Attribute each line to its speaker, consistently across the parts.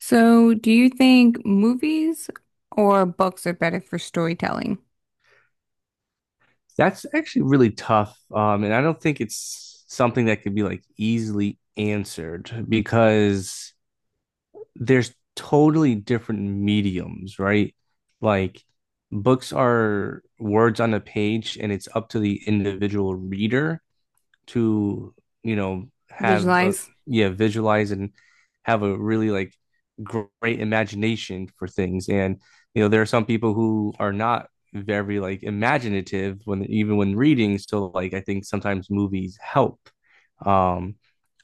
Speaker 1: So, do you think movies or books are better for storytelling?
Speaker 2: That's actually really tough. And I don't think it's something that could be like easily answered because there's totally different mediums, right? Like books are words on a page and it's up to the individual reader to have a
Speaker 1: Visualize?
Speaker 2: yeah, visualize and have a really like great imagination for things. And you know there are some people who are not very like imaginative when even when reading, so like I think sometimes movies help. um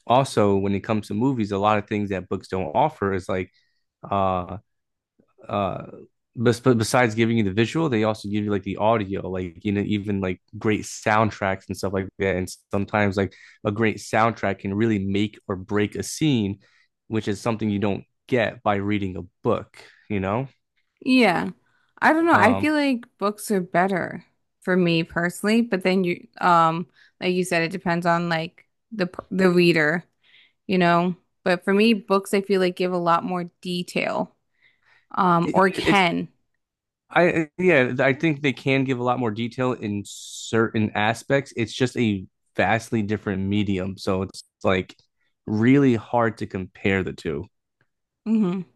Speaker 2: Also when it comes to movies, a lot of things that books don't offer is like uh uh but besides giving you the visual, they also give you like the audio, like you know, even like great soundtracks and stuff like that. And sometimes like a great soundtrack can really make or break a scene, which is something you don't get by reading a book, you know?
Speaker 1: Yeah. I don't know. I
Speaker 2: Um
Speaker 1: feel like books are better for me personally, but then you like you said it depends on like the reader, you know? But for me, books I feel like give a lot more detail
Speaker 2: it,
Speaker 1: or
Speaker 2: it's
Speaker 1: can.
Speaker 2: I, yeah, I think they can give a lot more detail in certain aspects. It's just a vastly different medium, so it's like really hard to compare the two.
Speaker 1: Mm-hmm.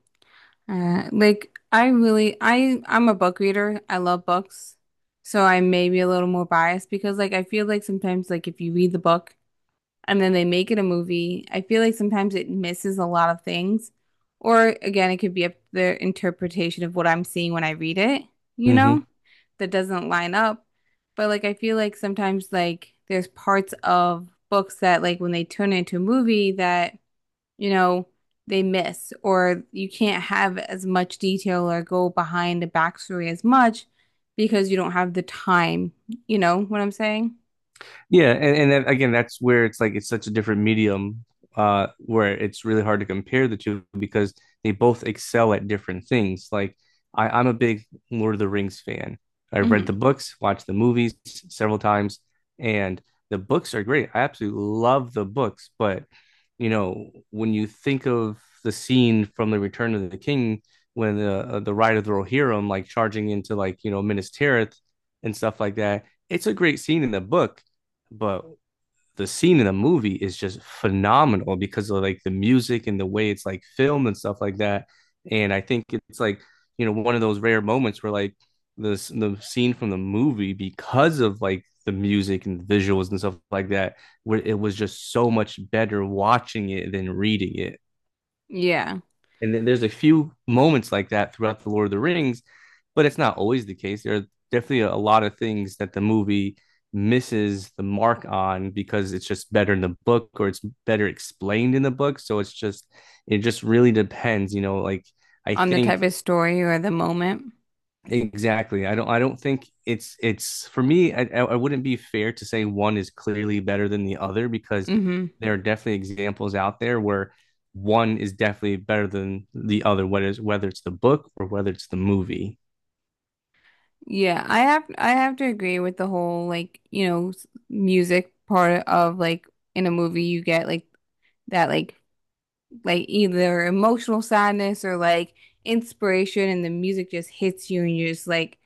Speaker 1: Like I'm a book reader. I love books. So I may be a little more biased because like I feel like sometimes like if you read the book and then they make it a movie, I feel like sometimes it misses a lot of things. Or again, it could be up to their interpretation of what I'm seeing when I read it, you know,
Speaker 2: Mm-hmm.
Speaker 1: that doesn't line up. But like I feel like sometimes like there's parts of books that like when they turn into a movie that you know, they miss, or you can't have as much detail or go behind the backstory as much because you don't have the time. You know what I'm saying?
Speaker 2: Yeah, and then, again, that's where it's like it's such a different medium, where it's really hard to compare the two because they both excel at different things. Like I'm a big Lord of the Rings fan. I've read the
Speaker 1: Hmm.
Speaker 2: books, watched the movies several times, and the books are great. I absolutely love the books, but you know, when you think of the scene from the Return of the King, when the Ride of the Rohirrim like charging into like you know Minas Tirith and stuff like that, it's a great scene in the book, but the scene in the movie is just phenomenal because of like the music and the way it's like filmed and stuff like that. And I think it's like, you know, one of those rare moments where like this the scene from the movie, because of like the music and the visuals and stuff like that, where it was just so much better watching it than reading it.
Speaker 1: Yeah,
Speaker 2: And then there's a few moments like that throughout the Lord of the Rings, but it's not always the case. There are definitely a lot of things that the movie misses the mark on because it's just better in the book or it's better explained in the book. So it's just, it just really depends, you know, like I
Speaker 1: on the
Speaker 2: think
Speaker 1: type of story or the moment.
Speaker 2: Exactly. I don't think it's for me, I wouldn't be fair to say one is clearly better than the other, because
Speaker 1: Hmm.
Speaker 2: there are definitely examples out there where one is definitely better than the other, whether it's the book or whether it's the movie.
Speaker 1: Yeah, I have to agree with the whole like, you know, music part of like in a movie you get like that like either emotional sadness or like inspiration and the music just hits you and you're just like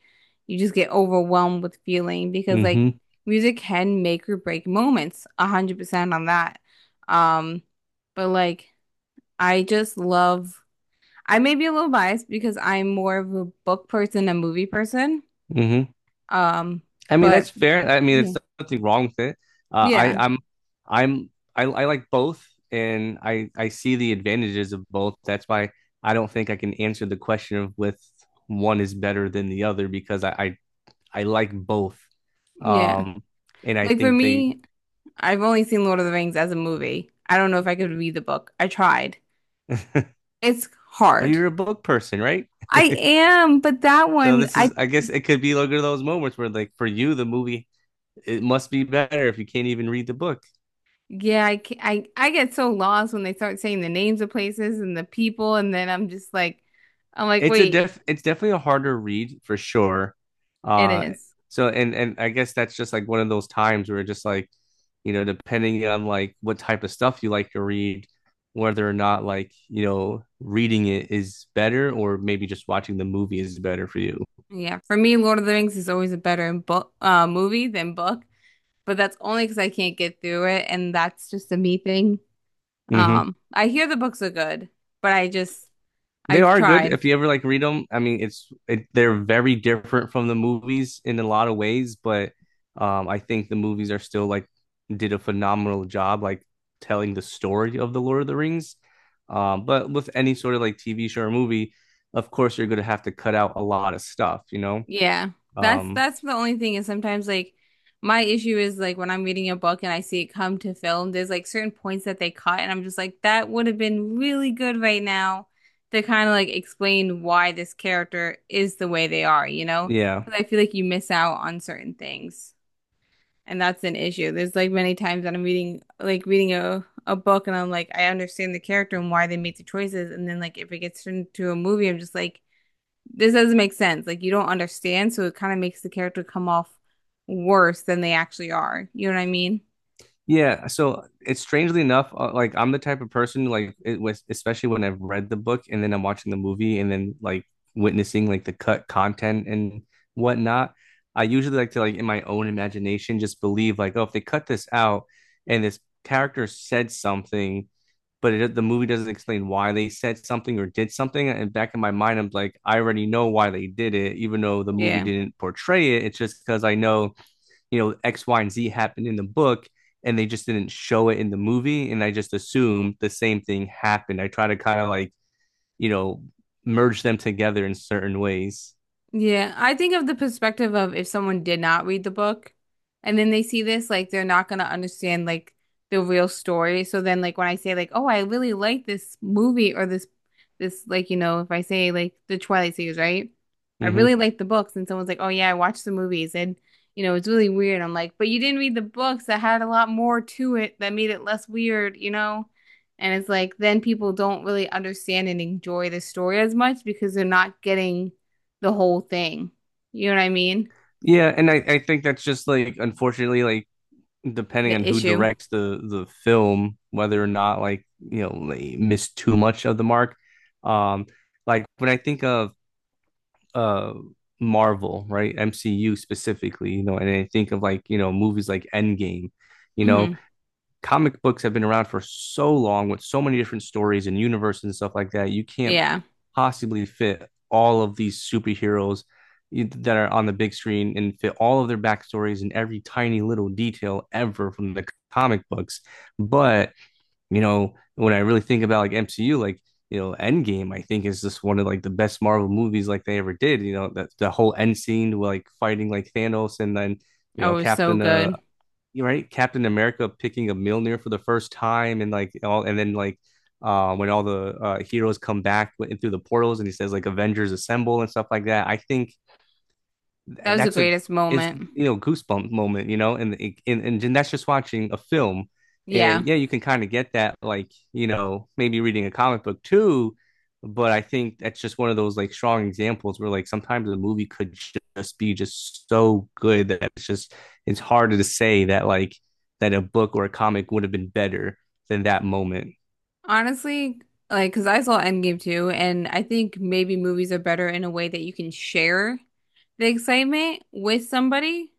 Speaker 1: you just get overwhelmed with feeling because like
Speaker 2: Hmm.
Speaker 1: music can make or break moments 100% on that um but like I just love I may be a little biased because I'm more of a book person than a movie person
Speaker 2: Hmm.
Speaker 1: um
Speaker 2: I mean
Speaker 1: but
Speaker 2: that's fair. I mean
Speaker 1: yeah
Speaker 2: it's nothing wrong with it. Uh, I
Speaker 1: yeah
Speaker 2: I'm I'm I like both, and I see the advantages of both. That's why I don't think I can answer the question of with one is better than the other, because I I like both.
Speaker 1: yeah
Speaker 2: Um, and I
Speaker 1: like for
Speaker 2: think they,
Speaker 1: me I've only seen Lord of the Rings as a movie. I don't know if I could read the book, I tried.
Speaker 2: but
Speaker 1: It's hard.
Speaker 2: you're a book person, right?
Speaker 1: I am, but that
Speaker 2: So
Speaker 1: one,
Speaker 2: this
Speaker 1: I
Speaker 2: is, I guess, it could be like one of those moments where, like, for you, the movie it must be better if you can't even read the book.
Speaker 1: yeah, I I get so lost when they start saying the names of places and the people, and then I'm just like, I'm like, wait,
Speaker 2: It's definitely a harder read for sure.
Speaker 1: it
Speaker 2: Uh,
Speaker 1: is.
Speaker 2: so and I guess that's just like one of those times where just like, you know, depending on like what type of stuff you like to read, whether or not like you know reading it is better or maybe just watching the movie is better for you.
Speaker 1: Yeah, for me, Lord of the Rings is always a better book movie than book, but that's only because I can't get through it, and that's just a me thing.
Speaker 2: Mm-hmm.
Speaker 1: I hear the books are good, but I just
Speaker 2: They
Speaker 1: I've
Speaker 2: are good.
Speaker 1: tried.
Speaker 2: If you ever like read them, I mean, it's it, they're very different from the movies in a lot of ways, but I think the movies are still like did a phenomenal job like telling the story of the Lord of the Rings. But with any sort of like TV show or movie, of course, you're going to have to cut out a lot of stuff, you know?
Speaker 1: Yeah. That's
Speaker 2: Um,
Speaker 1: that's the only thing is sometimes like my issue is like when I'm reading a book and I see it come to film, there's like certain points that they cut and I'm just like, that would have been really good right now to kind of like explain why this character is the way they are, you know?
Speaker 2: yeah.
Speaker 1: Because I feel like you miss out on certain things. And that's an issue. There's like many times that I'm reading a book and I'm like, I understand the character and why they made the choices. And then like if it gets turned into a movie, I'm just like this doesn't make sense. Like you don't understand, so it kind of makes the character come off worse than they actually are. You know what I mean?
Speaker 2: Yeah, so it's strangely enough, like I'm the type of person like it was especially when I've read the book and then I'm watching the movie and then like witnessing like the cut content and whatnot. I usually like to like in my own imagination just believe like oh if they cut this out and this character said something, but it, the movie doesn't explain why they said something or did something, and back in my mind I'm like I already know why they did it even though the movie
Speaker 1: Yeah.
Speaker 2: didn't portray it. It's just because I know, you know, X, Y, and Z happened in the book and they just didn't show it in the movie. And I just assumed the same thing happened. I try to kind of like, you know, merge them together in certain ways.
Speaker 1: Yeah, I think of the perspective of if someone did not read the book and then they see this, like they're not gonna understand like the real story. So then like when I say like, oh, I really like this movie or this like, you know, if I say like the Twilight series, right? I really
Speaker 2: Hmm.
Speaker 1: like the books and someone's like, oh yeah, I watched the movies and you know, it's really weird. I'm like, but you didn't read the books that had a lot more to it that made it less weird, you know? And it's like then people don't really understand and enjoy the story as much because they're not getting the whole thing. You know what I mean?
Speaker 2: Yeah. And I think that's just like, unfortunately, like, depending
Speaker 1: The
Speaker 2: on who
Speaker 1: issue.
Speaker 2: directs the film, whether or not like you know they miss too much of the mark. um like when I think of uh Marvel, right? MCU specifically, you know, and I think of like, you know, movies like Endgame, you know,
Speaker 1: Hmm.
Speaker 2: comic books have been around for so long with so many different stories and universes and stuff like that. You can't
Speaker 1: Yeah.
Speaker 2: possibly fit all of these superheroes that are on the big screen and fit all of their backstories and every tiny little detail ever from the comic books. But, you know, when I really think about like MCU, like, you know, Endgame, I think is just one of like the best Marvel movies like they ever did. You know, that the whole end scene, like fighting like Thanos and then, you
Speaker 1: Oh,
Speaker 2: know,
Speaker 1: it was so
Speaker 2: Captain
Speaker 1: good.
Speaker 2: right, Captain America picking a Mjolnir for the first time, and like all, and then like when all the heroes come back in through the portals, and he says like Avengers assemble and stuff like that. I think
Speaker 1: That was the
Speaker 2: that's a
Speaker 1: greatest
Speaker 2: it's
Speaker 1: moment.
Speaker 2: you know goosebump moment, you know, and and that's just watching a film.
Speaker 1: Yeah.
Speaker 2: And yeah, you can kind of get that, like you know, maybe reading a comic book too. But I think that's just one of those like strong examples where like sometimes the movie could just be just so good that it's just it's harder to say that like that a book or a comic would have been better than that moment.
Speaker 1: Honestly, like, because I saw Endgame too, and I think maybe movies are better in a way that you can share the excitement with somebody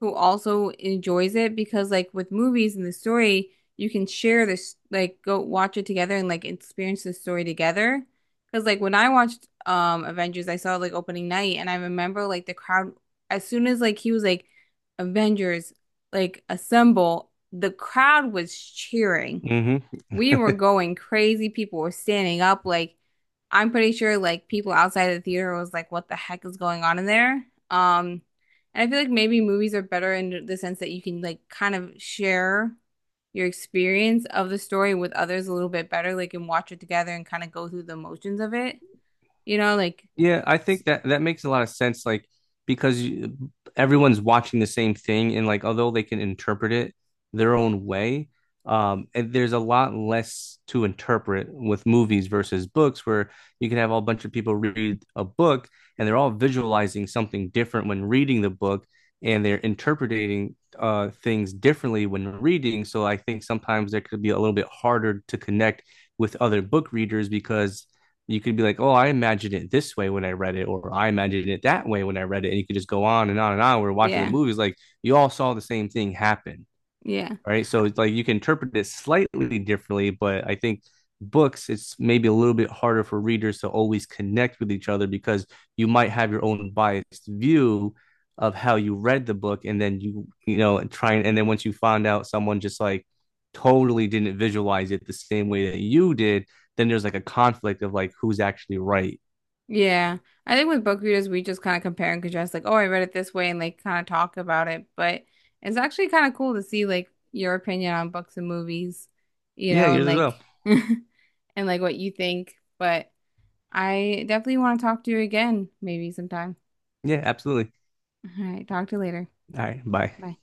Speaker 1: who also enjoys it because like with movies and the story, you can share this like go watch it together and like experience the story together. Because like when I watched Avengers, I saw it, like opening night and I remember like the crowd as soon as like he was like Avengers like assemble, the crowd was cheering.
Speaker 2: Mm-hmm.
Speaker 1: We were going crazy. People were standing up like I'm pretty sure like people outside the theater was like, what the heck is going on in there? And I feel like maybe movies are better in the sense that you can like kind of share your experience of the story with others a little bit better, like and watch it together and kind of go through the motions of it. You know, like
Speaker 2: Yeah, I
Speaker 1: s-
Speaker 2: think that that makes a lot of sense, like because you, everyone's watching the same thing, and like although they can interpret it their own way, and there's a lot less to interpret with movies versus books, where you can have a bunch of people read a book and they're all visualizing something different when reading the book, and they're interpreting things differently when reading. So I think sometimes there could be a little bit harder to connect with other book readers because you could be like, oh, I imagined it this way when I read it, or I imagined it that way when I read it. And you could just go on and on and on. We're watching the
Speaker 1: yeah,
Speaker 2: movies, like you all saw the same thing happen,
Speaker 1: yeah.
Speaker 2: right? So it's like you can interpret it slightly differently, but I think books, it's maybe a little bit harder for readers to always connect with each other because you might have your own biased view of how you read the book, and then and try and then once you find out someone just like totally didn't visualize it the same way that you did, then there's like a conflict of like who's actually right.
Speaker 1: Yeah. I think with book readers, we just kind of compare and contrast, like, oh, I read it this way, and like kind of talk about it. But it's actually kind of cool to see like your opinion on books and movies, you
Speaker 2: Yeah,
Speaker 1: know, and
Speaker 2: yours as well.
Speaker 1: like and like what you think. But I definitely want to talk to you again, maybe sometime.
Speaker 2: Yeah, absolutely.
Speaker 1: All right, talk to you later.
Speaker 2: All right, bye.
Speaker 1: Bye.